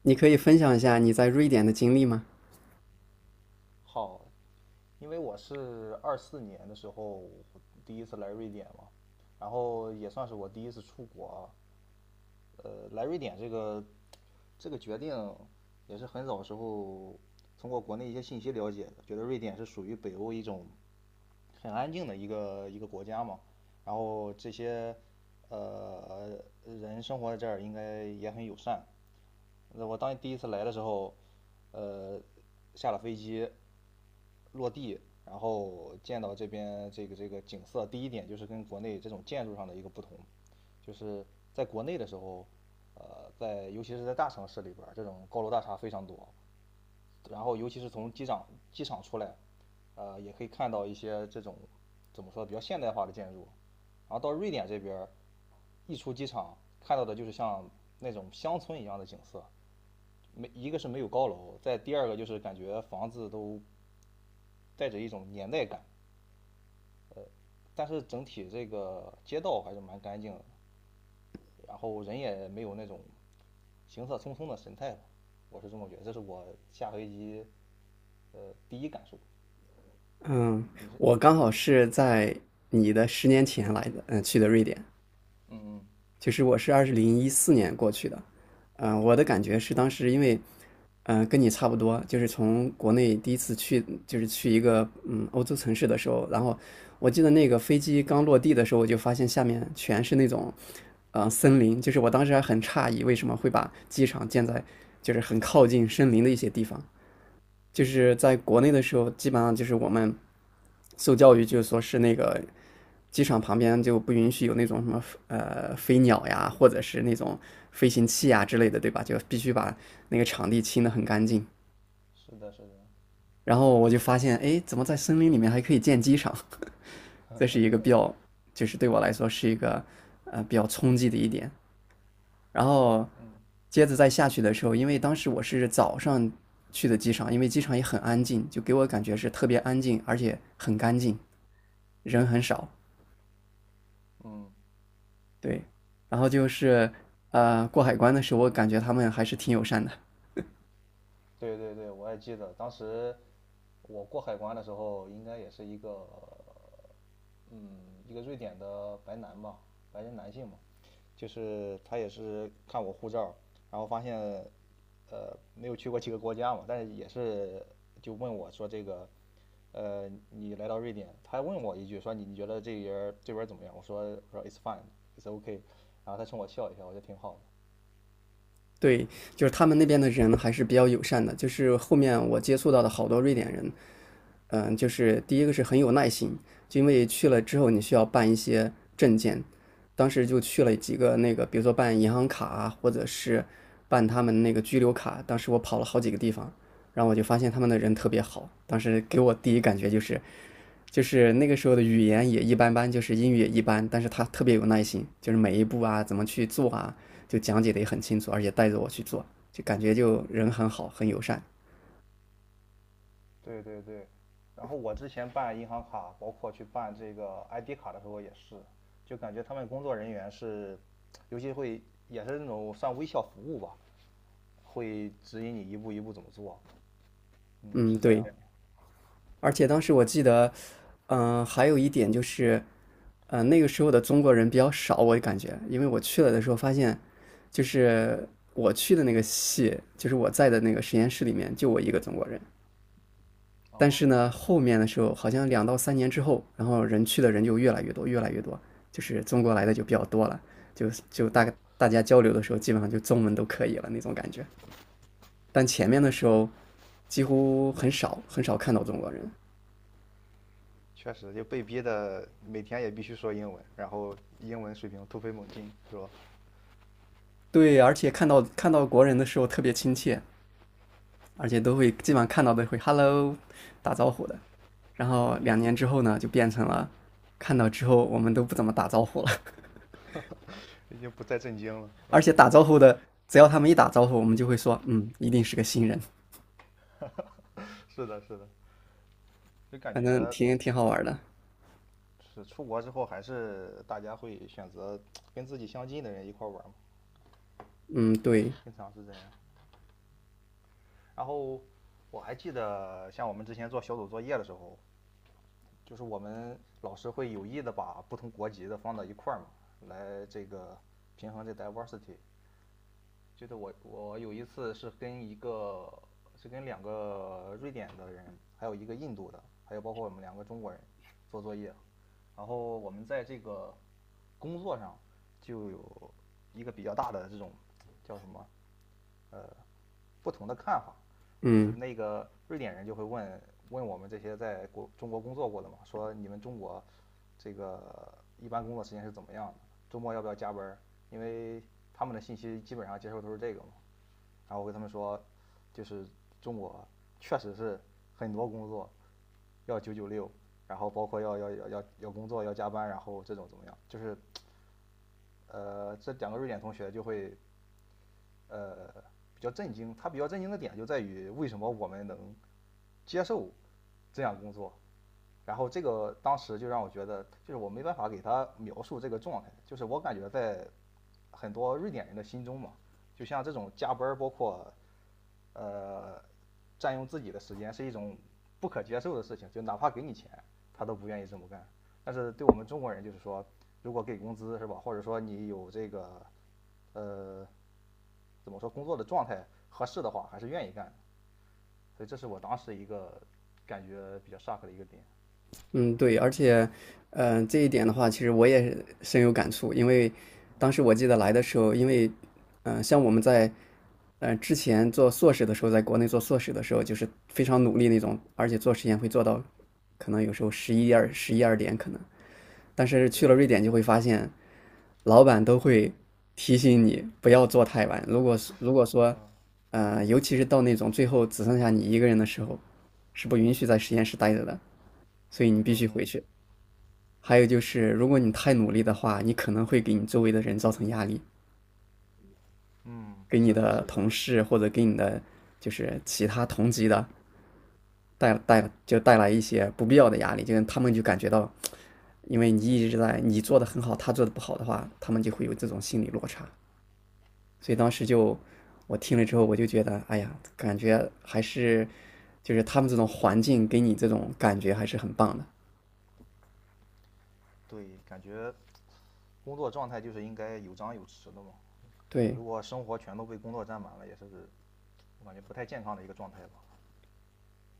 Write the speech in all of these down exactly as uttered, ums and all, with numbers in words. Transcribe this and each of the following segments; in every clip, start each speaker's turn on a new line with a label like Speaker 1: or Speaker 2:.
Speaker 1: 你可以分享一下你在瑞典的经历吗？
Speaker 2: 好，因为我是二四年的时候第一次来瑞典嘛，然后也算是我第一次出国啊。呃，来瑞典这个这个决定也是很早时候通过国内一些信息了解的，觉得瑞典是属于北欧一种很安静的一个一个国家嘛，然后这些呃人生活在这儿应该也很友善。那我当第一次来的时候，呃，下了飞机，落地。然后见到这边这个这个景色，第一点就是跟国内这种建筑上的一个不同，就是在国内的时候，呃，在尤其是在大城市里边儿，这种高楼大厦非常多，然后尤其是从机场机场出来，呃，也可以看到一些这种怎么说比较现代化的建筑，然后到瑞典这边儿，一出机场看到的就是像那种乡村一样的景色，没一个是没有高楼，再第二个就是感觉房子都带着一种年代感。但是整体这个街道还是蛮干净的，然后人也没有那种行色匆匆的神态吧，我是这么觉得，这是我下飞机呃第一感受。
Speaker 1: 嗯，
Speaker 2: 你是？
Speaker 1: 我刚
Speaker 2: 嗯，
Speaker 1: 好是在你的十年前来的，嗯，去的瑞典。
Speaker 2: 嗯嗯
Speaker 1: 就是我是二零一四年过去的，嗯，我的感觉是当时因为，嗯，跟你差不多，就是从国内第一次去，就是去一个嗯欧洲城市的时候，然后我记得那个飞机刚落地的时候，我就发现下面全是那种，呃，森林，就是我当时还很诧异为什么会把机场建在就是很靠近森林的一些地方，就是在国内的时候，基本上就是我们受教育就是说是那个机场旁边就不允许有那种什么呃飞鸟呀，或者是那种飞行器呀之类的，对吧？就必须把那个场地清得很干净。
Speaker 2: 是的，是的，
Speaker 1: 然后我就发现，哎，怎么在森林里面还可以建机场？这是一个比较，就是对我来说是一个呃比较冲击的一点。然后
Speaker 2: 嗯
Speaker 1: 接着再下去的时候，因为当时我是早上去的机场，因为机场也很安静，就给我感觉是特别安静，而且很干净，人很少。
Speaker 2: 嗯
Speaker 1: 对，然后就是呃过海关的时候，我感觉他们还是挺友善的。
Speaker 2: 对对对，我也记得当时我过海关的时候，应该也是一个嗯，一个瑞典的白男吧，白人男性嘛，就是他也是看我护照，然后发现，呃，没有去过几个国家嘛，但是也是就问我说这个，呃，你来到瑞典，他还问我一句说你你觉得这人这边怎么样？我说我说 it's fine，it's o k 然后他冲我笑一笑，我觉得挺好的。
Speaker 1: 对，就是他们那边的人还是比较友善的，就是后面我接触到的好多瑞典人，嗯，就是第一个是很有耐心，就因为去了之后你需要办一些证件，当时就去了几个那个，比如说办银行卡啊，或者是办他们那个居留卡，当时我跑了好几个地方，然后我就发现他们的人特别好，当时给我第一感觉就是，就是那个时候的语言也一般般，就是英语也一般，但是他特别有耐心，就是每一步啊怎么去做啊，就讲解的也很清楚，而且带着我去做，就感觉就人很好，很友善。
Speaker 2: 对对对，然后我之前办银行卡，包括去办这个 I D 卡的时候也是，就感觉他们工作人员是，尤其会也是那种算微笑服务吧，会指引你一步一步怎么做。嗯，
Speaker 1: 嗯，
Speaker 2: 是这
Speaker 1: 对，
Speaker 2: 样
Speaker 1: 而且当时我记得，嗯、呃还有一点就是，呃，那个时候的中国人比较少，我感觉，因为我去了的时候发现，就是我去的那个系，就是我在的那个实验室里面就我一个中国人。
Speaker 2: 的。
Speaker 1: 但是
Speaker 2: 哦，
Speaker 1: 呢，后面的时候好像两到三年之后，然后人去的人就越来越多，越来越多，就是中国来的就比较多了，就就
Speaker 2: 哦，
Speaker 1: 大概大家交流的时候，基本上就中文都可以了那种感觉。但前面的时候，几乎很少很少看到中国人，
Speaker 2: 确实，就被逼的每天也必须说英文，然后英文水平突飞猛进，是吧？
Speaker 1: 对，而且看到看到国人的时候特别亲切，而且都会基本上看到都会 “hello” 打招呼的。然后两年之后呢，就变成了看到之后我们都不怎么打招呼了，
Speaker 2: 已经不再震惊了。
Speaker 1: 而且打招呼的，只要他们一打招呼，我们就会说，嗯，一定是个新人，
Speaker 2: 是的，是的，就感
Speaker 1: 反正
Speaker 2: 觉
Speaker 1: 挺挺好玩的。
Speaker 2: 是出国之后，还是大家会选择跟自己相近的人一块玩嘛，
Speaker 1: 嗯，对，
Speaker 2: 经常是这样。然后我还记得，像我们之前做小组作业的时候，就是我们老师会有意的把不同国籍的放到一块儿嘛，来这个平衡这 diversity。就是我我有一次是跟一个是跟两个瑞典的人，还有一个印度的，还有包括我们两个中国人做作业，然后我们在这个工作上就有一个比较大的这种叫什么不同的看法。就是
Speaker 1: 嗯，
Speaker 2: 那个瑞典人就会问问我们这些在国中国工作过的嘛，说你们中国这个一般工作时间是怎么样的？周末要不要加班？因为他们的信息基本上接受都是这个嘛。然后我跟他们说，就是中国确实是很多工作要九九六，然后包括要要要要要工作要加班，然后这种怎么样？就是呃，这两个瑞典同学就会呃比较震惊，他比较震惊的点就在于为什么我们能接受这样工作，然后这个当时就让我觉得，就是我没办法给他描述这个状态，就是我感觉在很多瑞典人的心中嘛，就像这种加班包括呃占用自己的时间，是一种不可接受的事情，就哪怕给你钱，他都不愿意这么干。但是对我们中国人就是说，如果给工资是吧，或者说你有这个呃怎么说工作的状态合适的话，还是愿意干的。所以这是我当时一个感觉比较 shock 的一个点。
Speaker 1: 嗯，对，而且，嗯、这一点的话，其实我也是深有感触，因为当时我记得来的时候，因为，嗯、像我们在，呃，之前做硕士的时候，在国内做硕士的时候，就是非常努力那种，而且做实验会做到，可能有时候十一二、十一二点可能，但是去了
Speaker 2: 对，
Speaker 1: 瑞典就会发现，老板都会提醒你不要做太晚，如果是如果说，呃，尤其是到那种最后只剩下你一个人的时候，是不允许在实验室待着的，所以你必
Speaker 2: 嗯
Speaker 1: 须回
Speaker 2: 嗯
Speaker 1: 去。还有就是，如果你太努力的话，你可能会给你周围的人造成压力，
Speaker 2: 嗯，
Speaker 1: 给你
Speaker 2: 是的，
Speaker 1: 的
Speaker 2: 是的，
Speaker 1: 同事或者给你的就是其他同级的带带就带来一些不必要的压力，就他们就感觉到，因为你一直在你做的很好，他做的不好的话，他们就会有这种心理落差。所以当时就我听了之后，我就觉得，哎呀，感觉还是就是他们这种环境给你这种感觉还是很棒的。
Speaker 2: 对，感觉工作状态就是应该有张有弛的嘛。
Speaker 1: 对，
Speaker 2: 如果生活全都被工作占满了，也是我感觉不太健康的一个状态吧。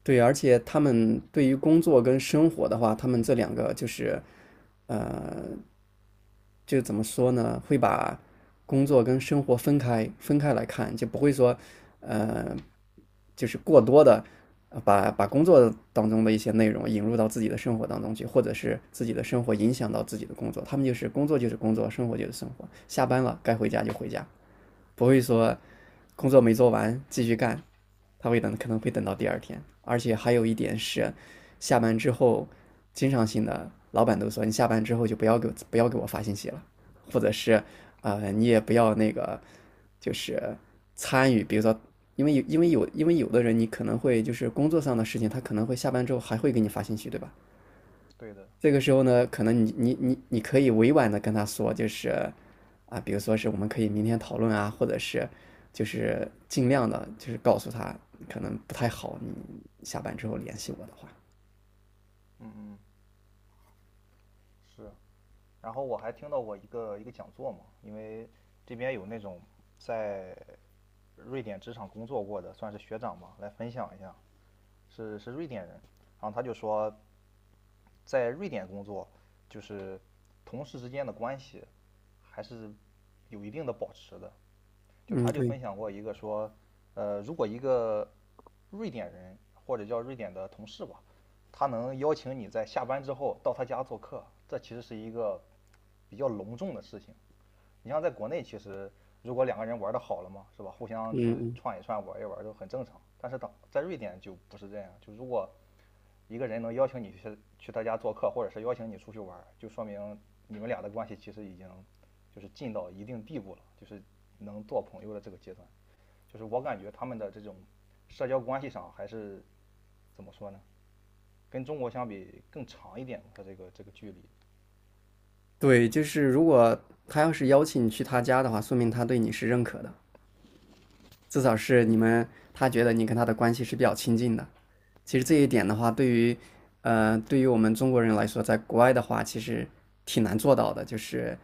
Speaker 1: 对，而且他们对于工作跟生活的话，他们这两个就是，呃，就怎么说呢？会把工作跟生活分开分开来看，就不会说，呃，就是过多的把把工作当中的一些内容引入到自己的生活当中去，或者是自己的生活影响到自己的工作。他们就是工作就是工作，生活就是生活，下班了该回家就回家。不会说工作没做完继续干，他会等，可能会等到第二天。而且还有一点是，下班之后，经常性的老板都说你下班之后就不要给不要给我发信息了，或者是呃你也不要那个就是参与，比如说。因为有，因为有，因为有的人你可能会就是工作上的事情，他可能会下班之后还会给你发信息，对吧？
Speaker 2: 对的，
Speaker 1: 这个时候呢，可能你你你你可以委婉的跟他说，就是啊，比如说是我们可以明天讨论啊，或者是就是尽量的，就是告诉他可能不太好，你下班之后联系我的话。
Speaker 2: 嗯嗯，是。然后我还听到过一个一个讲座嘛，因为这边有那种在瑞典职场工作过的，算是学长嘛，来分享一下是是瑞典人，然后他就说，在瑞典工作，就是同事之间的关系还是有一定的保持的。就
Speaker 1: 嗯，
Speaker 2: 他就
Speaker 1: 对，
Speaker 2: 分享过一个说，呃，如果一个瑞典人或者叫瑞典的同事吧，他能邀请你在下班之后到他家做客，这其实是一个比较隆重的事情。你像在国内，其实如果两个人玩的好了嘛，是吧？互相
Speaker 1: 嗯
Speaker 2: 去
Speaker 1: 嗯，
Speaker 2: 串一串、玩一玩都很正常。但是当在瑞典就不是这样，就如果一个人能邀请你去去他家做客，或者是邀请你出去玩就说明你们俩的关系其实已经就是近到一定地步了，就是能做朋友的这个阶段。就是我感觉他们的这种社交关系上还是怎么说呢？跟中国相比更长一点，他这个这个距离。
Speaker 1: 对，就是如果他要是邀请你去他家的话，说明他对你是认可的，至少是
Speaker 2: 对
Speaker 1: 你
Speaker 2: 对对，
Speaker 1: 们他觉得你跟他的关系是比较亲近的。其实这一点的话，对于呃对于我们中国人来说，在国外的话，其实挺难做到的，就是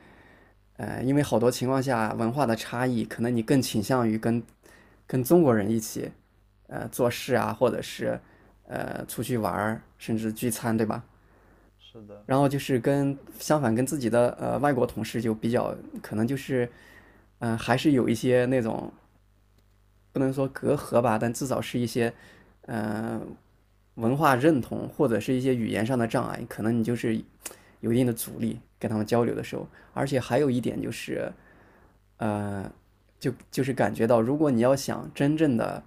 Speaker 1: 呃，因为好多情况下文化的差异，可能你更倾向于跟跟中国人一起，呃，做事啊，或者是呃出去玩儿，甚至聚餐，对吧？
Speaker 2: 是的，
Speaker 1: 然后就是跟相反跟自己的呃外国同事就比较可能就是，嗯、还是有一些那种不能说隔阂吧，但至少是一些呃文化认同或者是一些语言上的障碍，可能你就是有一定的阻力跟他们交流的时候，而且还有一点就是，呃，就就是感觉到，如果你要想真正的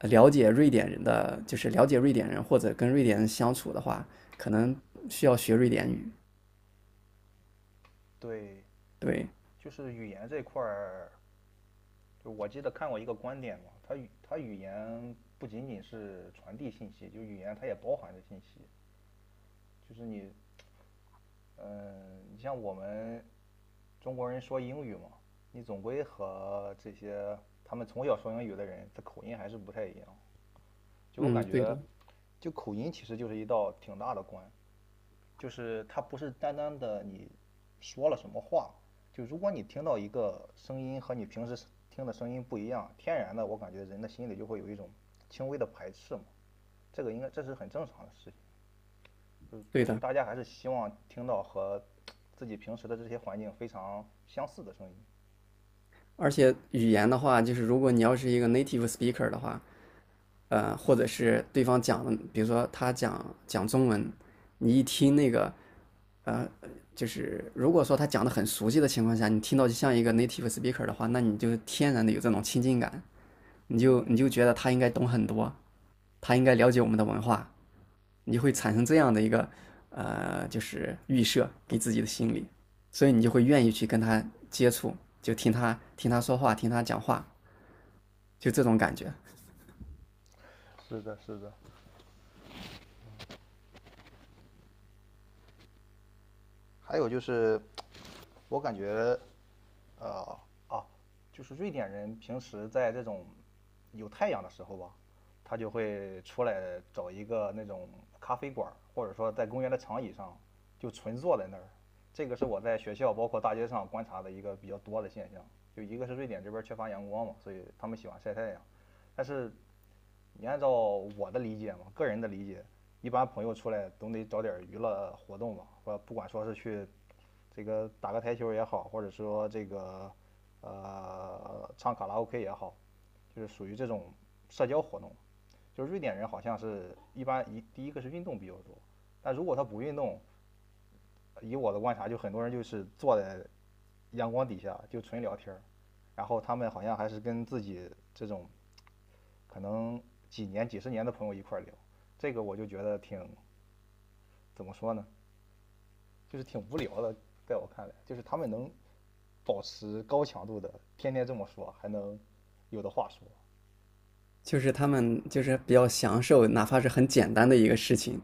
Speaker 1: 了解瑞典人的，就是了解瑞典人或者跟瑞典人相处的话，可能需要学瑞典语。
Speaker 2: 对，
Speaker 1: 对，
Speaker 2: 就是语言这块儿，就我记得看过一个观点嘛，他语他语言不仅仅是传递信息，就语言它也包含着信息，就是你嗯，你像我们中国人说英语嘛，你总归和这些他们从小说英语的人，他口音还是不太一样。就我
Speaker 1: 嗯，
Speaker 2: 感
Speaker 1: 对的，
Speaker 2: 觉，就口音其实就是一道挺大的关，就是它不是单单的你说了什么话，就如果你听到一个声音和你平时听的声音不一样，天然的我感觉人的心里就会有一种轻微的排斥嘛。这个应该这是很正常的事情，就
Speaker 1: 对
Speaker 2: 就是
Speaker 1: 的。
Speaker 2: 大家还是希望听到和自己平时的这些环境非常相似的声音。
Speaker 1: 而且语言的话，就是如果你要是一个 native speaker 的话，呃，或者是对方讲的，比如说他讲讲中文，你一听那个，呃，就是如果说他讲的很熟悉的情况下，你听到就像一个 native speaker 的话，那你就天然的有这种亲近感。你
Speaker 2: 嗯
Speaker 1: 就你
Speaker 2: 嗯，
Speaker 1: 就觉得他应该懂很多，他应该了解
Speaker 2: 对
Speaker 1: 我们的文化，你就会
Speaker 2: 对
Speaker 1: 产
Speaker 2: 对
Speaker 1: 生这
Speaker 2: 对，
Speaker 1: 样的一个呃，就是预设给自己的心理，所以你就会愿意去跟他接触，就听他听他说话，听他讲话，就这种感觉，
Speaker 2: 是的，是的。还有就是，我感觉，呃，啊，就是瑞典人平时在这种有太阳的时候吧，他就会出来找一个那种咖啡馆儿，或者说在公园的长椅上就纯坐在那儿。这个是我在学校包括大街上观察的一个比较多的现象。就一个是瑞典这边缺乏阳光嘛，所以他们喜欢晒太阳，但是你按照我的理解嘛，个人的理解，一般朋友出来总得找点娱乐活动吧，或不管说是去这个打个台球也好，或者说这个呃唱卡拉 OK 也好，就是属于这种社交活动。就是瑞典人好像是一般一第一个是运动比较多，但如果他不运动，以我的观察，就很多人就是坐在阳光底下就纯聊天儿，然后他们好像还是跟自己这种可能几年、几十年的朋友一块聊，这个我就觉得挺怎么说呢，就是挺无聊的。在我看来，就是他们能保持高强度的，天天这么说，还能有的话说。
Speaker 1: 就是他们就是比较享受，哪怕是很简单的一个事情，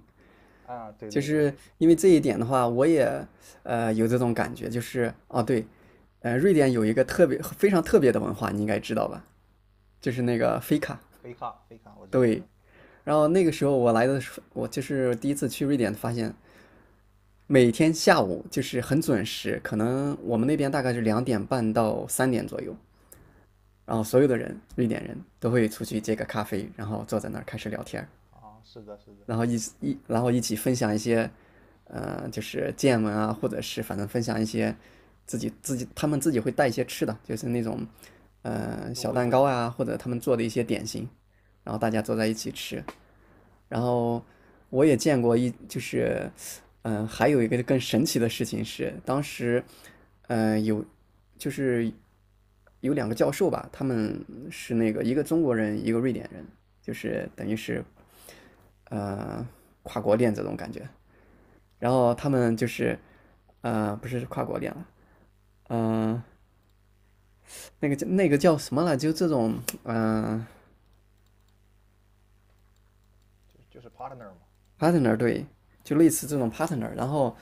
Speaker 2: 啊，对
Speaker 1: 就
Speaker 2: 对对，
Speaker 1: 是因为这一点的话，我也呃有这种感觉，就是哦对，呃，瑞典有一个特别非常特别的文化，你应该知道吧？就是那个飞卡，
Speaker 2: 飞卡飞卡，我知道。
Speaker 1: 对，然后那个时候我来的时候，我就是第一次去瑞典，发现每天下午就是很准时，可能我们那边大概是两点半到三点左右，然后所有的人，瑞典人都会出去接个咖啡，然后坐在那儿开始聊天，
Speaker 2: 啊，是的，是的。
Speaker 1: 然后一一然后一起分享一些，呃，就是见闻啊，或者是反正分享一些自己自己他们自己会带一些吃的，就是那种
Speaker 2: 嗯，
Speaker 1: 呃
Speaker 2: 入
Speaker 1: 小
Speaker 2: 桂
Speaker 1: 蛋
Speaker 2: 卷
Speaker 1: 糕
Speaker 2: 吗？
Speaker 1: 啊，或者他们做的一些点心，然后大家坐在一起吃。然后我也见过一就是，嗯、呃还有一个更神奇的事情是，当时，嗯，有就是有两个教授吧，他们是那个一个中国人，一个瑞典人，就是等于是，呃，跨国恋这种感觉。然后
Speaker 2: 哦，
Speaker 1: 他们就是，呃，不是跨国恋了，嗯、那个叫那个叫什么了？就这种，嗯、
Speaker 2: 就就是 partner 嘛。
Speaker 1: p a r t n e r 对，就类似这种 partner。然后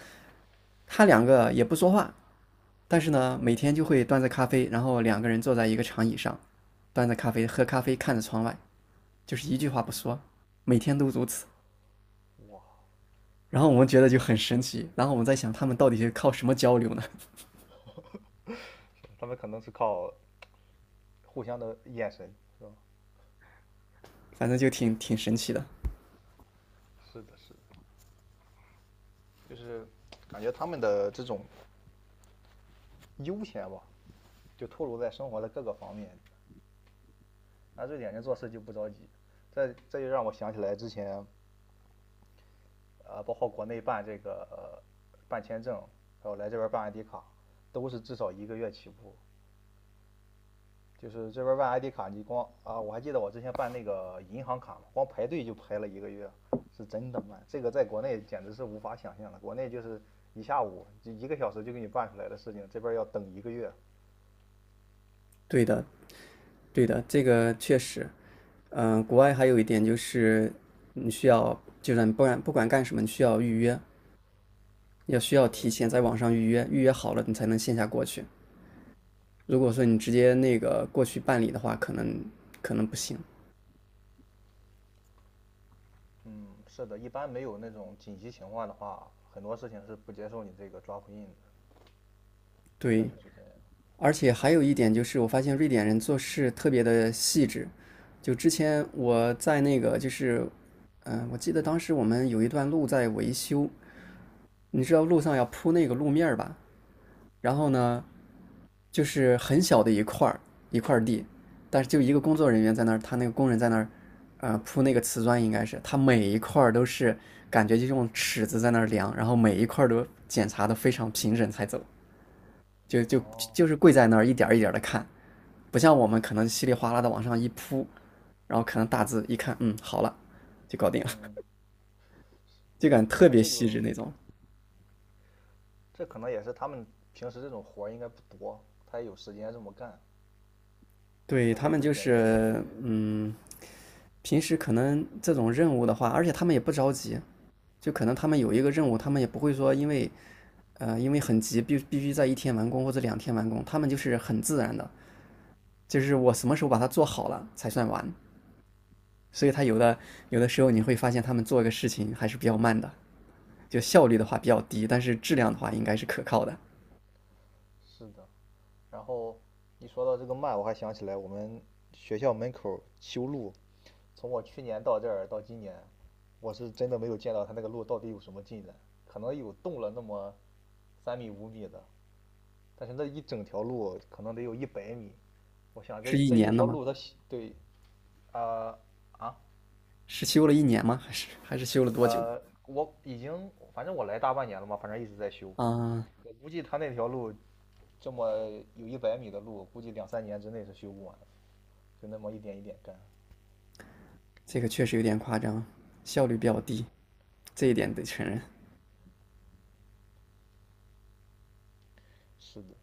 Speaker 1: 他两个也不说话，但是呢，每
Speaker 2: 嗯，
Speaker 1: 天就会端着咖啡，然后两个人坐在一个长椅上，端着咖啡喝咖啡，看着窗外，就是一句话不说，每天都如此。
Speaker 2: 哇，
Speaker 1: 然后我们觉得就很神奇，然后我们在想他们到底是靠什么交流呢？
Speaker 2: 他们可能是靠互相的眼神，是吧？
Speaker 1: 反正就挺挺神奇的。
Speaker 2: 是的，是的。就是感觉他们的这种悠闲吧，就透露在生活的各个方面，啊，瑞典人做事就不着急。这这就让我想起来之前啊，呃，包括国内办这个、呃办签证，还有来这边办 I D 卡，都是至少一个月起步。就是这边办 I D 卡，你光啊，我还记得我之前办那个银行卡嘛，光排队就排了一个月，是真的慢。这个在国内简直是无法想象的，国内就是一下午就一个小时就给你办出来的事情，这边要等一个月。
Speaker 1: 对的，对的，这个确实，嗯、国外还有一点就是你需要，就是你不管不管干什么，你需要预约，要需要提
Speaker 2: 对
Speaker 1: 前
Speaker 2: 对，
Speaker 1: 在网上预约，预约好了你才能线下过去。如果说你直接那个过去办理的话，可能可能不行。
Speaker 2: 嗯，是的，一般没有那种紧急情况的话，很多事情是不接受你这个抓复印的。确
Speaker 1: 对，
Speaker 2: 实是这样。
Speaker 1: 而且还有一点就是，我发现瑞典人做事特别的细致。就之前我在那个就是，嗯、我记得当时我们有一段路在维修，你知道路上要铺那个路面儿吧？然后呢，就是很小的一块儿一块地，但是就一个工作人员在那儿，他那个工人在那儿，呃，铺那个瓷砖应该是，他每一块都是感觉就用尺子在那儿量，然后每一块都检查的非常平整才走，就就
Speaker 2: 哦，
Speaker 1: 就是跪在那儿一点一点的看，不像我们可能稀里哗啦的往上一铺，然后可能大字一看，嗯，好了，就搞定了，
Speaker 2: 嗯，
Speaker 1: 就感觉特
Speaker 2: 那
Speaker 1: 别
Speaker 2: 这
Speaker 1: 细
Speaker 2: 个
Speaker 1: 致那种。
Speaker 2: 这可能也是他们平时这种活儿应该不多，他也有时间这么干，
Speaker 1: 对，
Speaker 2: 他
Speaker 1: 他
Speaker 2: 可
Speaker 1: 们
Speaker 2: 以一
Speaker 1: 就
Speaker 2: 点一点的
Speaker 1: 是，
Speaker 2: 去。
Speaker 1: 嗯，平时可能这种任务的话，而且他们也不着急，就可能他们有一个任务，他们也不会说因为，呃，因为很急，必必须在一天完工或者两天完工，他们就是很自然的，就是我什么时候把它做好了才算完。所以他有的有的时候你会发现他们做一个事情还是比较慢的，就效率的话比较低，但是质量的话应该是可靠的。
Speaker 2: 是的。然后一说到这个慢，我还想起来我们学校门口修路，从我去年到这儿到今年，我是真的没有见到他那个路到底有什么进展，可能有动了那么三米五米的，但是那一整条路可能得有一百米。我想这
Speaker 1: 是一
Speaker 2: 这一
Speaker 1: 年的
Speaker 2: 条
Speaker 1: 吗？
Speaker 2: 路它对啊啊、
Speaker 1: 是修了一年吗？还是还是修了多久？
Speaker 2: 呃，我已经反正我来大半年了嘛，反正一直在修。
Speaker 1: 啊、
Speaker 2: 我估计他那条路这么有一百米的路，估计两三年之内是修不完的，就那么一点一点干。
Speaker 1: 这个确实有点夸张，效率比较低，这一点得承认。
Speaker 2: 是的，